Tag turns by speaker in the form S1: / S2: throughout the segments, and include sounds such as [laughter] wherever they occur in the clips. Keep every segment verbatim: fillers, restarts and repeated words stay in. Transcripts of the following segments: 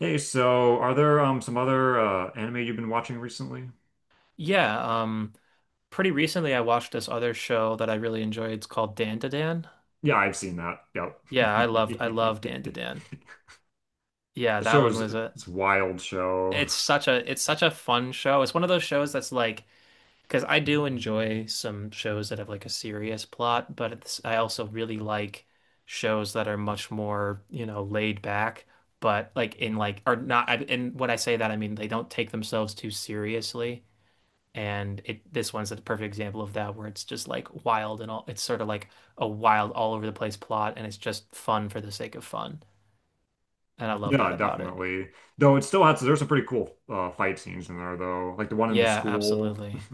S1: Hey, so are there um some other uh anime you've been watching recently?
S2: Yeah, um, pretty recently I watched this other show that I really enjoyed. It's called Dan to Dan.
S1: Yeah, I've seen that. Yep.
S2: Yeah, I loved I loved Dan to
S1: [laughs]
S2: Dan. Yeah,
S1: The
S2: that
S1: show
S2: one
S1: is
S2: was a
S1: It's a wild show.
S2: it's such a it's such a fun show. It's one of those shows that's like because I do enjoy some shows that have like a serious plot, but it's, I also really like shows that are much more, you know, laid back, but like in like are not I- and when I say that I mean they don't take themselves too seriously. And it this one's a perfect example of that where it's just like wild and all it's sort of like a wild all over the place plot and it's just fun for the sake of fun. And I love that
S1: Yeah,
S2: about it.
S1: definitely. Though it still has There's some pretty cool uh fight scenes in there though. Like the one in the
S2: Yeah,
S1: school.
S2: absolutely.
S1: [laughs]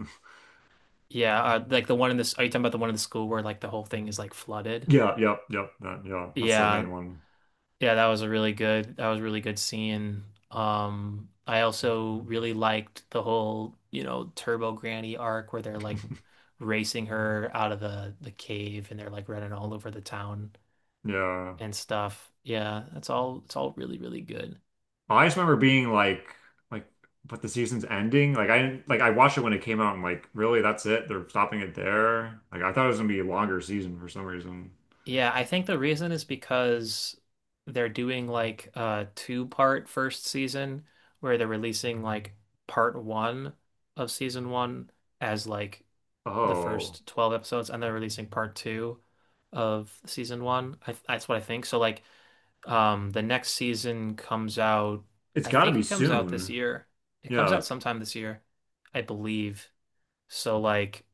S2: Yeah, uh, like the one in this are you talking about the one in the school where like the whole thing is like flooded?
S1: Yeah, yep, yep. That, yeah, that's the
S2: Yeah.
S1: main one.
S2: Yeah, that was a really good that was a really good scene. Um I also really liked the whole, you know, Turbo Granny arc where they're like racing her out of the the cave and they're like running all over the town.
S1: Yeah.
S2: And stuff. Yeah, that's all it's all really, really good.
S1: I just remember being like like but the season's ending. Like I didn't like I watched it when it came out and like really that's it. They're stopping it there. Like I thought it was gonna be a longer season for some reason.
S2: Yeah, I think the reason is because they're doing like a two-part first season where they're releasing like part one of season one as like the
S1: Oh,
S2: first twelve episodes and they're releasing part two of season one. I, that's what I think. So like um the next season comes out.
S1: it's
S2: I
S1: got to
S2: think
S1: be
S2: it comes out this
S1: soon.
S2: year. It comes
S1: Yeah,
S2: out sometime this year, I believe. So like,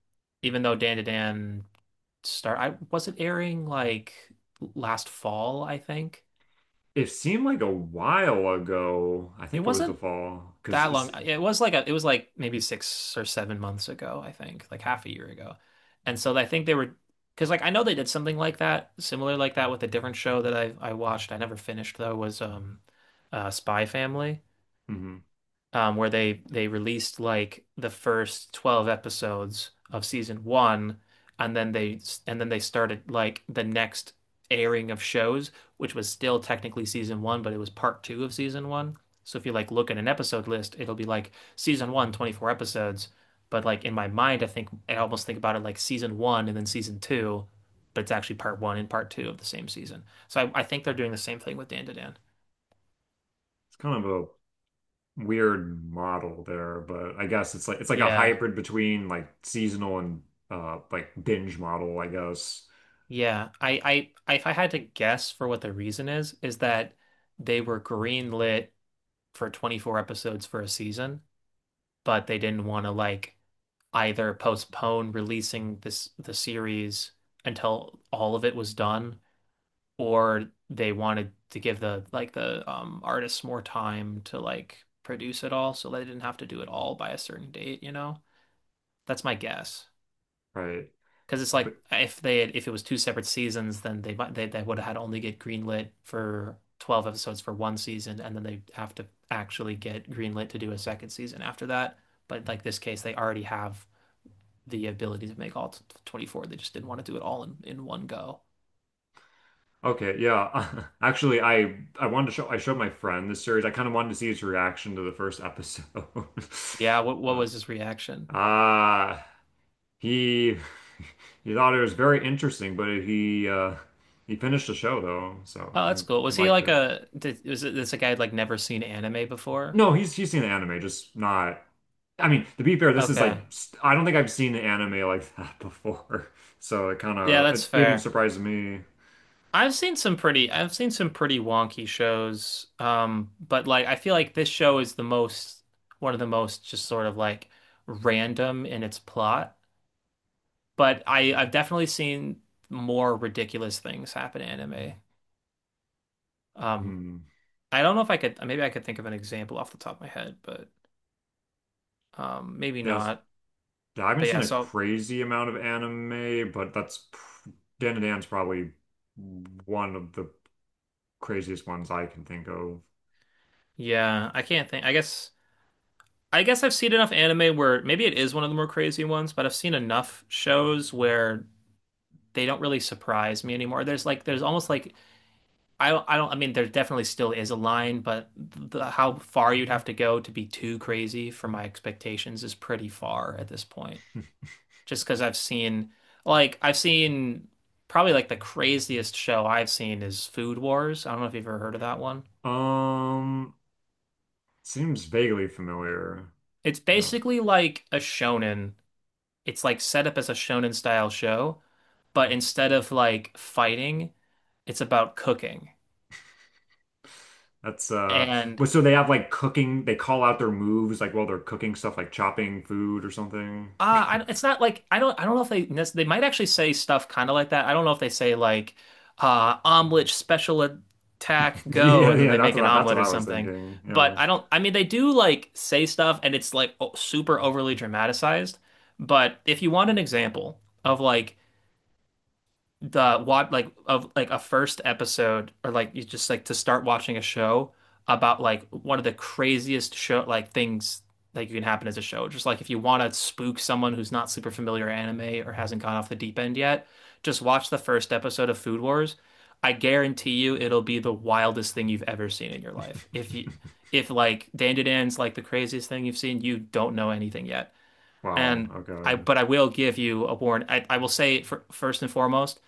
S2: even though Dan to Dan start, I was it airing like last fall, I think.
S1: it seemed like a while ago. I
S2: It
S1: think it was the
S2: wasn't
S1: fall because
S2: that
S1: it's
S2: long. uh, It was like a, it was like maybe six or seven months ago, I think, like half a year ago. And so I think they were, because like I know they did something like that, similar like that with a different show that I I watched. I never finished though, was um uh Spy Family.
S1: mhm.
S2: Um, where they they released like the first twelve episodes of season one and then they and then they started like the next airing of shows which was still technically season one but it was part two of season one. So if you like look at an episode list it'll be like season one, twenty four episodes, but like in my mind I think I almost think about it like season one and then season two, but it's actually part one and part two of the same season. So I, I think they're doing the same thing with Dan to Dan.
S1: It's kind of a weird model there, but I guess it's like it's like a
S2: Yeah.
S1: hybrid between like seasonal and uh like binge model, I guess.
S2: Yeah, I, I, if I had to guess for what the reason is, is that they were greenlit for twenty-four episodes for a season, but they didn't want to like either postpone releasing this the series until all of it was done, or they wanted to give the like the um artists more time to like produce it all, so they didn't have to do it all by a certain date, you know? That's my guess.
S1: Right.
S2: Because it's like
S1: But
S2: if they had, if it was two separate seasons, then they might they, they would have had only get greenlit for twelve episodes for one season, and then they have to actually get greenlit to do a second season after that. But like this case, they already have the ability to make all twenty-four. They just didn't want to do it all in, in one go.
S1: okay, yeah. [laughs] Actually, I I wanted to show I showed my friend this series. I kind of wanted to see his reaction to the first episode.
S2: Yeah,
S1: [laughs]
S2: what what
S1: Uh,
S2: was his reaction?
S1: Ah, He [laughs] he thought it was very interesting, but he uh he finished the show though, so
S2: Oh, that's
S1: he,
S2: cool.
S1: he
S2: Was he
S1: liked
S2: like
S1: it.
S2: a did, was it, this a guy who'd like never seen anime before?
S1: No, he's he's seen the anime, just not. I mean, to be fair, this is
S2: Okay.
S1: like s- I don't think I've seen an anime like that [laughs] before, so it kind
S2: Yeah,
S1: of
S2: that's
S1: it even
S2: fair.
S1: surprised me.
S2: I've seen some pretty I've seen some pretty wonky shows. Um, but like I feel like this show is the most one of the most just sort of like random in its plot. But I I've definitely seen more ridiculous things happen in anime. Um,
S1: Hmm.
S2: I don't know if I could maybe I could think of an example off the top of my head, but um maybe
S1: Yes,
S2: not.
S1: yeah, I haven't
S2: But yeah,
S1: seen a
S2: so
S1: crazy amount of anime, but that's pr- Dan to Dan's probably one of the craziest ones I can think of.
S2: yeah, I can't think. I guess I guess I've seen enough anime where maybe it is one of the more crazy ones, but I've seen enough shows where they don't really surprise me anymore. There's like there's almost like I don't I don't I mean there definitely still is a line, but the, how far you'd have to go to be too crazy for my expectations is pretty far at this point. Just because I've seen like I've seen probably like the craziest show I've seen is Food Wars. I don't know if you've ever heard of that one.
S1: Um, seems vaguely familiar.
S2: It's
S1: Yeah.
S2: basically like a shonen. It's like set up as a shonen style show, but instead of like fighting, it's about cooking.
S1: That's uh
S2: And
S1: but so they have like cooking they call out their moves like while they're cooking stuff like chopping food or something.
S2: Uh,
S1: [laughs]
S2: I, it's not like I don't I don't know if they nec- they might actually say stuff kind of like that. I don't know if they say like uh omelet special attack go
S1: Yeah,
S2: and then
S1: yeah,
S2: they make
S1: that's
S2: an
S1: what that's
S2: omelet
S1: what
S2: or
S1: I was
S2: something.
S1: thinking.
S2: But
S1: Yeah.
S2: I don't I mean they do like say stuff and it's like o super overly dramatized. But if you want an example of like the what like of like a first episode or like you just like to start watching a show about like one of the craziest show like things that you can happen as a show. Just like if you want to spook someone who's not super familiar with anime or hasn't gone off the deep end yet, just watch the first episode of Food Wars. I guarantee you it'll be the wildest thing you've ever seen in your life. If you
S1: [laughs]
S2: if like Dandadan's like the craziest thing you've seen, you don't know anything yet.
S1: Wow,
S2: And I
S1: okay.
S2: but I will give you a warning. I, I will say for first and foremost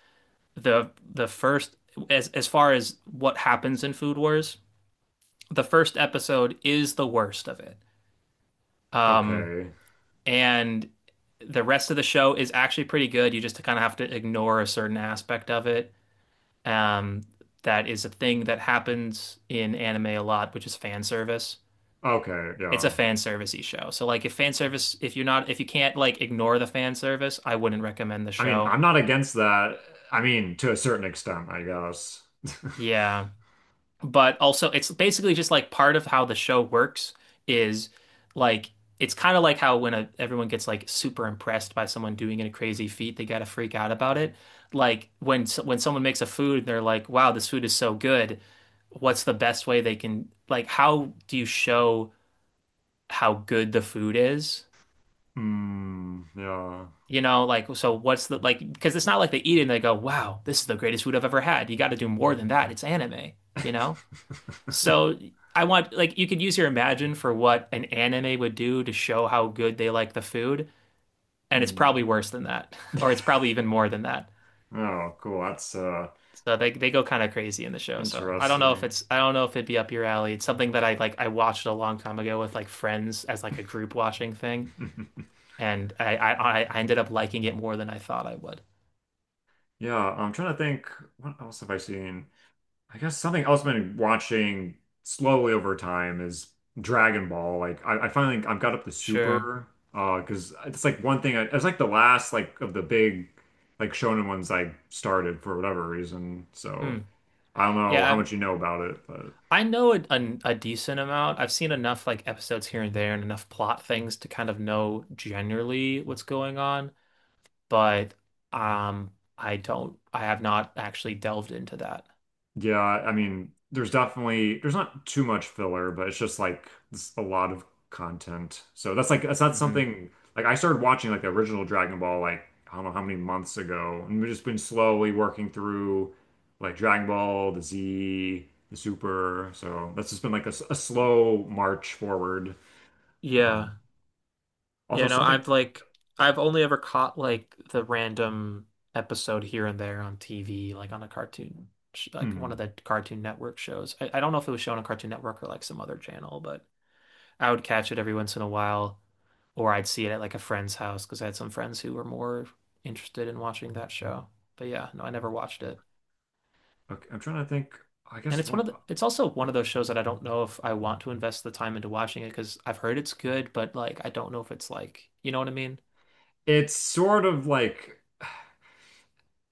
S2: the the first as as far as what happens in Food Wars, the first episode is the worst of it. Um,
S1: Okay.
S2: and the rest of the show is actually pretty good. You just kind of have to ignore a certain aspect of it. Um, that is a thing that happens in anime a lot, which is fan service.
S1: Okay,
S2: It's a
S1: yeah.
S2: fan servicey show. So like if fan service if you're not if you can't like ignore the fan service, I wouldn't recommend the
S1: I mean,
S2: show.
S1: I'm not against that. I mean, to a certain extent, I guess. [laughs]
S2: Yeah. But also it's basically just like part of how the show works is like it's kind of like how when a, everyone gets like super impressed by someone doing a crazy feat, they gotta freak out about it. Like when s- when someone makes a food, they're like, "Wow, this food is so good. What's the best way they can like how do you show how good the food is?"
S1: Hmm, yeah.
S2: You know, like so what's the like because it's not like they eat it and they go, "Wow, this is the greatest food I've ever had." You got to do more than that. It's anime, you know? So I want like you could use your imagine for what an anime would do to show how good they like the food,
S1: [laughs]
S2: and it's
S1: Hmm.
S2: probably worse than that, [laughs] or it's probably even more than that.
S1: Oh, cool. That's uh
S2: So they they go kind of crazy in the show. So I don't know if
S1: interesting.
S2: it's I don't know if it'd be up your alley. It's something that I like I watched a long time ago with like friends as like a group watching thing,
S1: [laughs]
S2: and I I I ended up liking it more than I thought I would.
S1: Yeah, I'm trying to think, what else have I seen? I guess something else I've been watching slowly over time is Dragon Ball. Like I, I finally I've got up the
S2: Sure.
S1: Super uh because it's like one thing I, it was like the last like of the big like shonen ones I started for whatever reason. So
S2: Hmm.
S1: I don't know how
S2: Yeah,
S1: much you know about it, but
S2: I know a, a, a decent amount. I've seen enough like episodes here and there and enough plot things to kind of know generally what's going on, but um I don't I have not actually delved into that.
S1: yeah, I mean, there's definitely there's not too much filler, but it's just like it's a lot of content. So that's like that's not
S2: Hmm.
S1: something like I started watching like the original Dragon Ball like I don't know how many months ago, and we've just been slowly working through like Dragon Ball, the Z, the Super. So that's just been like a, s- a slow march forward. Um,
S2: Yeah. Yeah,
S1: also
S2: no,
S1: something.
S2: I've like I've only ever caught like the random episode here and there on T V, like on a cartoon sh- like one of
S1: Hmm,
S2: the Cartoon Network shows. I, I don't know if it was shown on Cartoon Network or like some other channel, but I would catch it every once in a while. Or I'd see it at like a friend's house because I had some friends who were more interested in watching that show. But yeah, no, I never watched it.
S1: okay, I'm trying to think. I
S2: And
S1: guess
S2: it's one
S1: one.
S2: of the, it's also one
S1: Yep.
S2: of those shows that I don't know if I want to invest the time into watching it because I've heard it's good, but like I don't know if it's like, you know what I mean?
S1: It's sort of like,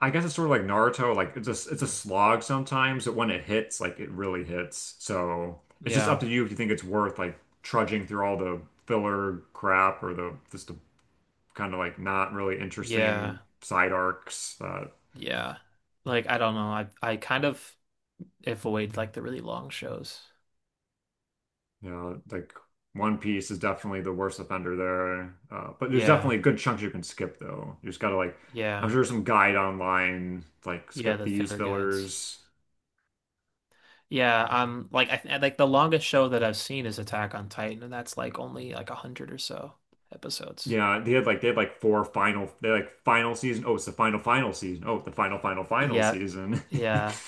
S1: I guess it's sort of like Naruto, like it's a it's a slog sometimes, but when it hits, like it really hits. So it's just
S2: Yeah.
S1: up to you if you think it's worth like trudging through all the filler crap or the just the kind of like not really
S2: Yeah.
S1: interesting side arcs that,
S2: Yeah. Like I don't know. I I kind of avoid like the really long shows.
S1: you know, like One Piece is definitely the worst offender there. Uh, but there's
S2: Yeah.
S1: definitely good chunks you can skip though. You just gotta like I'm
S2: Yeah.
S1: sure there's some guide online like
S2: Yeah,
S1: skip
S2: the
S1: these
S2: filler guides.
S1: fillers.
S2: Yeah, um, like I th like the longest show that I've seen is Attack on Titan, and that's like only like a hundred or so episodes.
S1: Yeah, they had like they had like four final they had like final season. Oh, it's the final final season. Oh, the final final final
S2: Yeah,
S1: season. [laughs]
S2: yeah,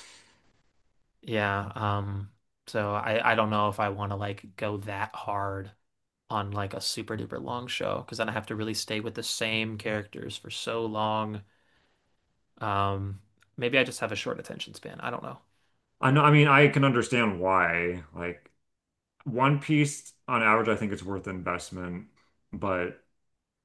S2: yeah. Um, so I I don't know if I want to like go that hard on like a super duper long show because then I have to really stay with the same characters for so long. Um, Maybe I just have a short attention span. I don't know.
S1: I know, I mean, I can understand why. Like One Piece on average, I think it's worth the investment, but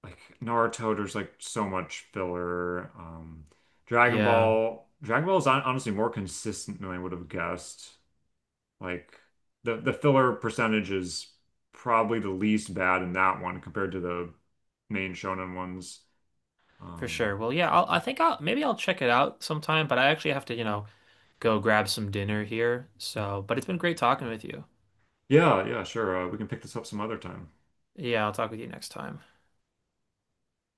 S1: like Naruto, there's like so much filler. Um Dragon
S2: Yeah,
S1: Ball, Dragon Ball is hon- honestly more consistent than I would have guessed. Like the the filler percentage is probably the least bad in that one compared to the main shonen ones.
S2: for
S1: Um,
S2: sure. Well, yeah, I'll, I think I'll maybe I'll check it out sometime, but I actually have to, you know, go grab some dinner here. So, but it's been great talking with you.
S1: yeah, yeah, sure. Uh, we can pick this up some other time.
S2: Yeah, I'll talk with you next time.